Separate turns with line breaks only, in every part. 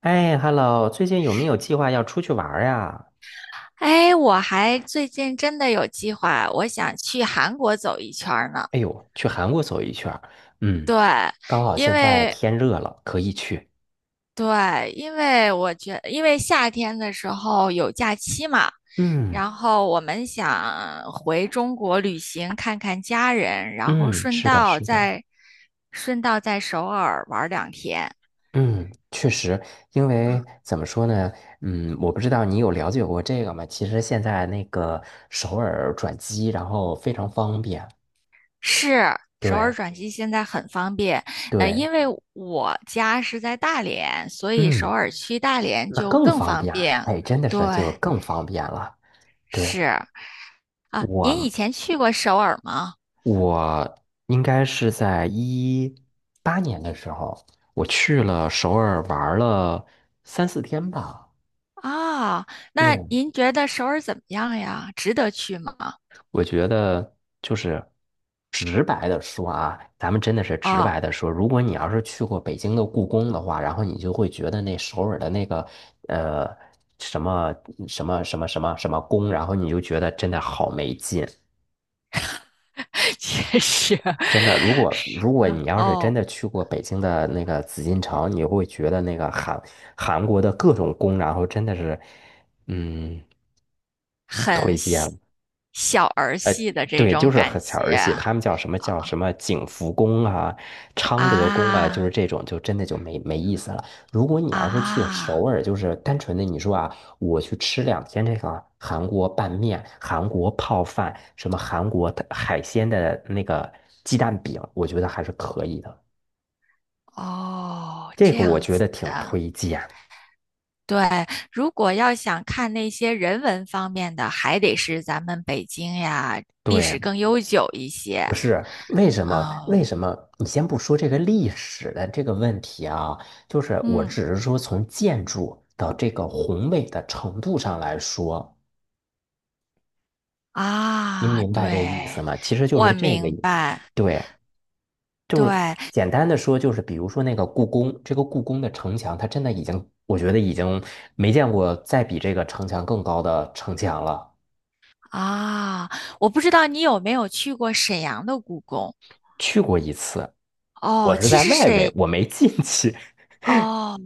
哎，Hello，最近有没有计划要出去玩儿呀？
哎，我还最近真的有计划，我想去韩国走一圈儿呢。
哎呦，去韩国走一圈儿。嗯，
对，
刚好
因
现在
为
天热了，可以去。
对，因为夏天的时候有假期嘛，
嗯
然后我们想回中国旅行，看看家人，然后
嗯，是的，是的。
顺道在首尔玩儿两天。
嗯，确实，因为怎么说呢？嗯，我不知道你有了解过这个吗？其实现在那个首尔转机，然后非常方便。
是，首尔
对
转机现在很方便，
对，
因为我家是在大连，所以首
嗯，
尔去大连
那
就
更
更
方
方
便。
便。
哎，真的
对，
是就更方便了。对，
是啊，您以
我
前去过首尔吗？
我应该是在18年的时候，我去了首尔玩了三四天吧。
啊，
对，
那您觉得首尔怎么样呀？值得去吗？
我觉得就是直白的说啊，咱们真的是直
啊，
白的说，如果你要是去过北京的故宫的话，然后你就会觉得那首尔的那个呃什么什么什么宫，然后你就觉得真的好没劲。
确实，是
真的，如果
啊
你要是真
哦，
的去过北京的那个紫禁城，你会觉得那个韩国的各种宫，然后真的是，嗯，
很细小儿戏的这
对，就
种
是
感
很小儿戏，
觉
他们叫什么叫什么景福宫啊、昌德宫啊，就
啊
是这种，就真的就没意思了。如果你要是去
啊
首尔，就是单纯的你说啊，我去吃两天这个韩国拌面、韩国泡饭、什么韩国的海鲜的那个鸡蛋饼，我觉得还是可以的。
哦，
这
这
个我
样
觉
子
得挺
的。
推荐。
对，如果要想看那些人文方面的，还得是咱们北京呀，历
对，
史更悠久一些。
不是，为什么？为
嗯
什么？你先不说这个历史的这个问题啊，就是我
嗯
只是说从建筑的这个宏伟的程度上来说，您
啊，
明白这意
对，
思吗？其实就
我
是这个
明
意，
白。
对，就是
对
简单的说，就是比如说那个故宫，这个故宫的城墙，它真的已经，我觉得已经没见过再比这个城墙更高的城墙了。
啊，我不知道你有没有去过沈阳的故宫
去过一次，我
哦。
是在外围，我没进去。
哦，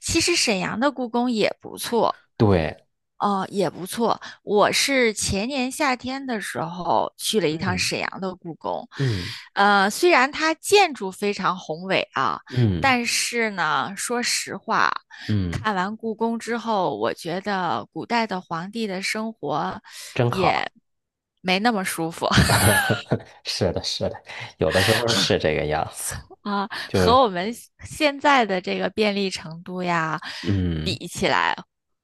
其实沈阳的故宫也不错。
对，
哦，也不错。我是前年夏天的时候去了一趟
嗯
沈阳的故宫，
嗯
虽然它建筑非常宏伟啊，
嗯
但是呢，说实话，
嗯，
看完故宫之后，我觉得古代的皇帝的生活
真好。
也没那么舒服
是的，是的，有的时候是这个样子，
啊，
就
和
是
我们现在的这个便利程度呀，
嗯，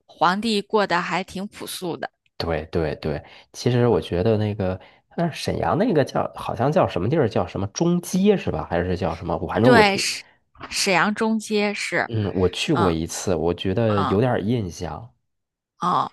皇帝过得还挺朴素的。
对对对。其实我觉得那个，但是沈阳那个叫好像叫什么地儿，叫什么中街是吧？还是叫什么？我反正我
对，沈阳中街是，
嗯，我去过
嗯。
一次，我觉得有
嗯
点儿印象。
哦，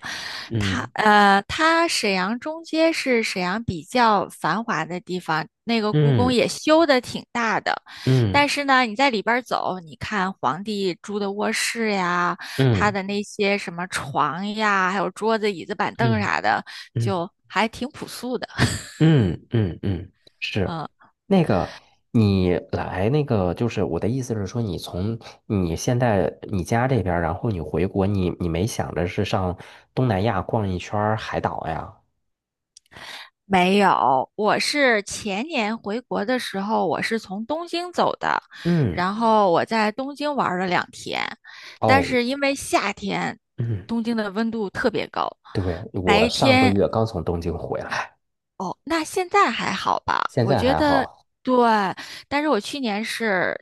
它沈阳中街是沈阳比较繁华的地方，那个故宫
嗯
也修的挺大的，
嗯
但是呢，你在里边儿走，你看皇帝住的卧室呀，他
嗯
的那些什么床呀，还有桌子、椅子、板
嗯
凳啥的，
嗯嗯。嗯
就还挺朴素的。
嗯嗯嗯，是
嗯。
那个，你来那个，就是我的意思是说，你现在你家这边儿然后你回国，你没想着是上东南亚逛一圈儿海岛呀？
没有，我是前年回国的时候，我是从东京走的，
嗯，
然后我在东京玩儿了两天，但
哦，
是因为夏天，
嗯，
东京的温度特别高，
对，我
白
上个
天
月刚从东京回来，
哦，那现在还好吧？
现
我
在
觉
还
得
好，
对，但是我去年是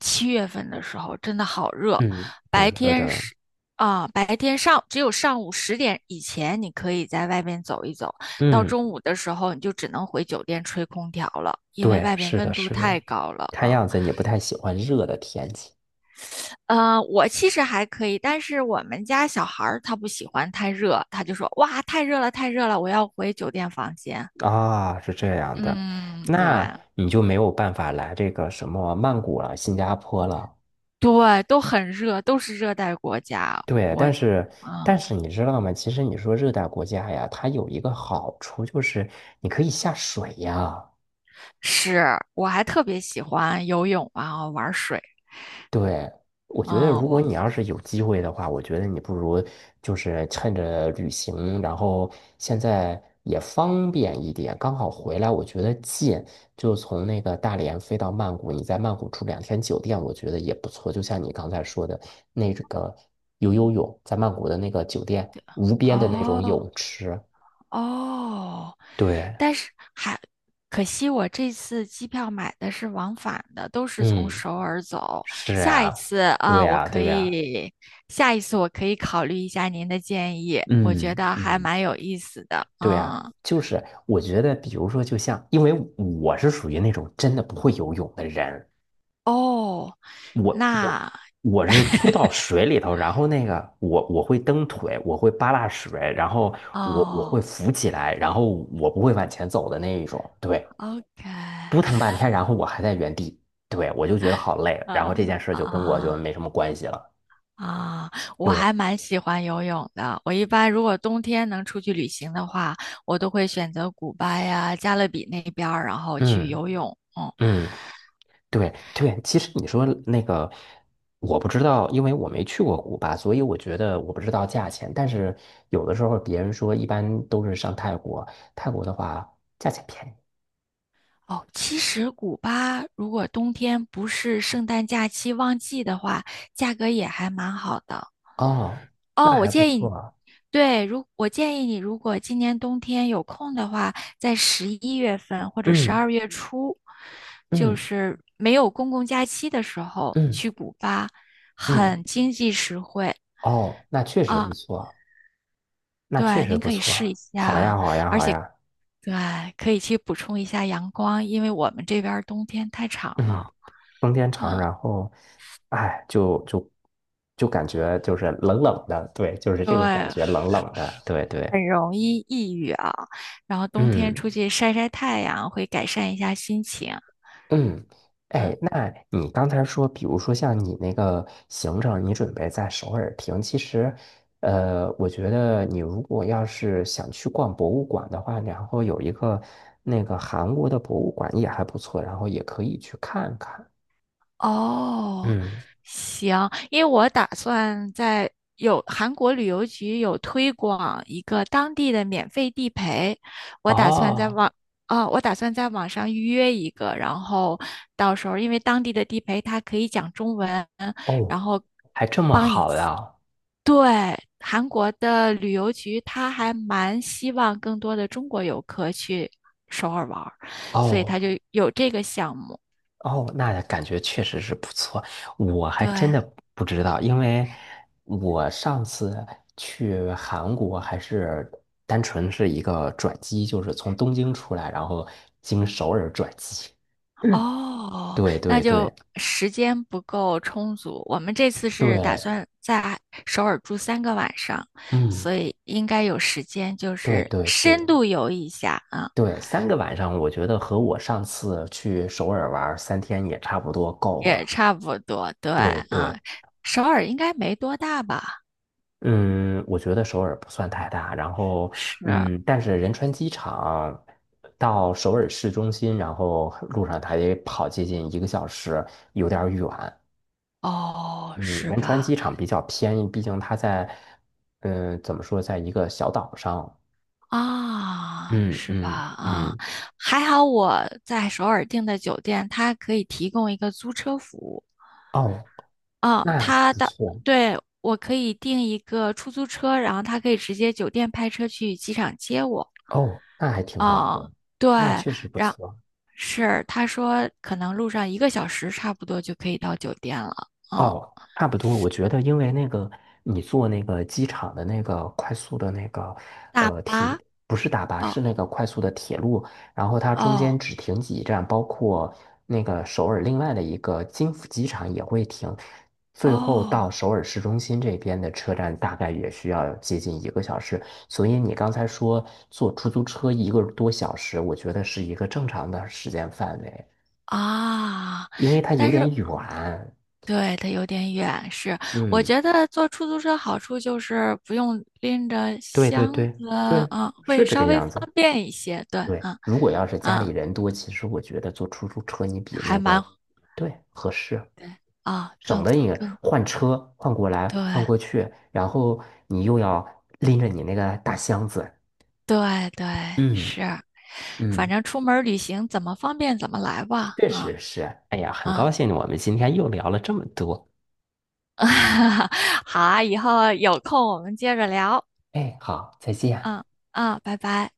7月份的时候，真的好热，
嗯，挺
白
热
天
的，
是白天上只有上午10点以前你可以在外边走一走，到
嗯，
中午的时候你就只能回酒店吹空调了，因为
对，
外边
是的，
温度
是的，
太高了
看
啊。
样子你不太喜欢热的天气。
我其实还可以，但是我们家小孩儿他不喜欢太热，他就说哇太热了太热了，我要回酒店房间。
啊，是这样的，
嗯，对。
那你就没有办法来这个什么曼谷了、新加坡了。
对，都很热，都是热带国家。
对，但是但
嗯，
是你知道吗？其实你说热带国家呀，它有一个好处就是你可以下水呀。
是，我还特别喜欢游泳啊，玩水
对，我觉得
啊，
如果你要是有机会的话，我觉得你不如就是趁着旅行，然后现在也方便一点，刚好回来，我觉得近，就从那个大连飞到曼谷，你在曼谷住两天酒店，我觉得也不错。就像你刚才说的那个游游泳，在曼谷的那个酒店无边的那种
哦
泳池，
哦，
对，
但是还可惜，我这次机票买的是往返的，都是从
嗯，
首尔走。
是
下一
啊，
次啊，
对
我
呀，
可
对呀，
以，下一次我可以考虑一下您的建议，我觉
嗯
得还
嗯。
蛮有意思的。
对呀，
嗯，
就是我觉得，比如说，就像，因为我是属于那种真的不会游泳的人，
哦，
我我
那
我是丢到水里头，然后那个我会蹬腿，我会扒拉水，然后我
哦
会浮起来，然后我不会往前走的那一种，对，
，OK。
扑腾半天，然后我还在原地，对，我就觉得好累，然后
啊
这件事就跟我就
啊
没什么关系了，
啊！我
对，
还蛮喜欢游泳的。我一般如果冬天能出去旅行的话，我都会选择古巴呀、加勒比那边儿，然后去
嗯
游泳。嗯，
嗯。对对，其实你说那个，我不知道，因为我没去过古巴，所以我觉得我不知道价钱。但是有的时候别人说，一般都是上泰国，泰国的话价钱便宜
哦，其实古巴如果冬天不是圣诞假期旺季的话，价格也还蛮好的。
哦，那
哦，我
还不
建议
错
你，
啊
对，我建议你，如果今年冬天有空的话，在11月份或者十
嗯
二月初，就
嗯
是没有公共假期的时候
嗯
去古巴，
嗯，
很经济实惠
哦，那确实不
啊。
错，那确
对，
实
您
不
可以试
错。
一
好呀
下，
好呀好呀，
对，可以去补充一下阳光，因为我们这边儿冬天太长
嗯，
了。
冬天长，然后，哎，就感觉就是冷冷的，对，就是这个感
对，
觉冷冷的，对对。
很容易抑郁啊，然后冬天
嗯。
出去晒晒太阳，会改善一下心情。
嗯，哎，那你刚才说，比如说像你那个行程，你准备在首尔停，其实，我觉得你如果要是想去逛博物馆的话，然后有一个那个韩国的博物馆也还不错，然后也可以去看看。
哦，
嗯，
行，因为我打算在有韩国旅游局有推广一个当地的免费地陪，我打算在
哦
网我打算在网上预约一个，然后到时候因为当地的地陪他可以讲中文，然
哦，
后
还这么
帮你。
好呀？
对，韩国的旅游局他还蛮希望更多的中国游客去首尔玩儿，所以
哦，
他就有这个项目。
哦，那感觉确实是不错，我还真的
对。
不知道，因为我上次去韩国还是单纯是一个转机，就是从东京出来，然后经首尔转机。嗯
哦，
对
那
对对
就时间不够充足。我们这次是打
对，
算在首尔住3个晚上，
嗯，
所以应该有时间，就
对
是
对对
深度游一下啊，
对，3个晚上，我觉得和我上次去首尔玩儿3天也差不多够
也
了。
差不多。对
对
啊，
对，
首尔应该没多大吧？
嗯，我觉得首尔不算太大，然后
是
嗯，但是仁川机场到首尔市中心，然后路上它也跑接近一个小时，有点儿远。
哦，
嗯，
是
仁川
吧？
机场比较偏，毕竟它在怎么说，在一个小岛上。
啊，
嗯
是吧？
嗯
啊，
嗯，
还好我在首尔订的酒店，它可以提供一个租车服务。
哦，
啊，
那
他
不
的，
错，
对，我可以订一个出租车，然后他可以直接酒店派车去机场接我。
哦，那还挺好
啊，
的，
对，
那确实不
然
错。
是他说可能路上1个小时差不多就可以到酒店了。嗯，
哦，差不多。我觉得，因为那个你坐那个机场的那个快速的那个
大
铁，
巴，
不是大巴，
哦
是那个快速的铁路，然后它中间
哦
只停几站，包括那个首尔另外的一个金浦机场也会停，最后
哦
到首尔市中心这边的车站大概也需要接近一个小时。所以你刚才说坐出租车1个多小时，我觉得是一个正常的时间范围，
啊，
因为它有
但是
点远。
对，它有点远，是我
嗯。
觉得坐出租车好处就是不用拎着
对对
箱
对
子，
对，
啊，
是
会
这个
稍微
样
方
子。
便一些。对，
对，
啊
如果要是家
啊。
里
嗯
人多，其实我觉得坐出租车你比
还
那个，
蛮
对，合适，
对啊，
省
更
得你
更
换车换过来换
对
过去，然后你又要拎着你那个大箱子。
对对
嗯
是，反
嗯，
正出门儿旅行怎么方便怎么来吧，
确
嗯
实是。哎呀，很高
嗯，
兴我们今天又聊了这么多。
好啊，以后有空我们接着聊，
哎，好，再见。
嗯嗯，拜拜。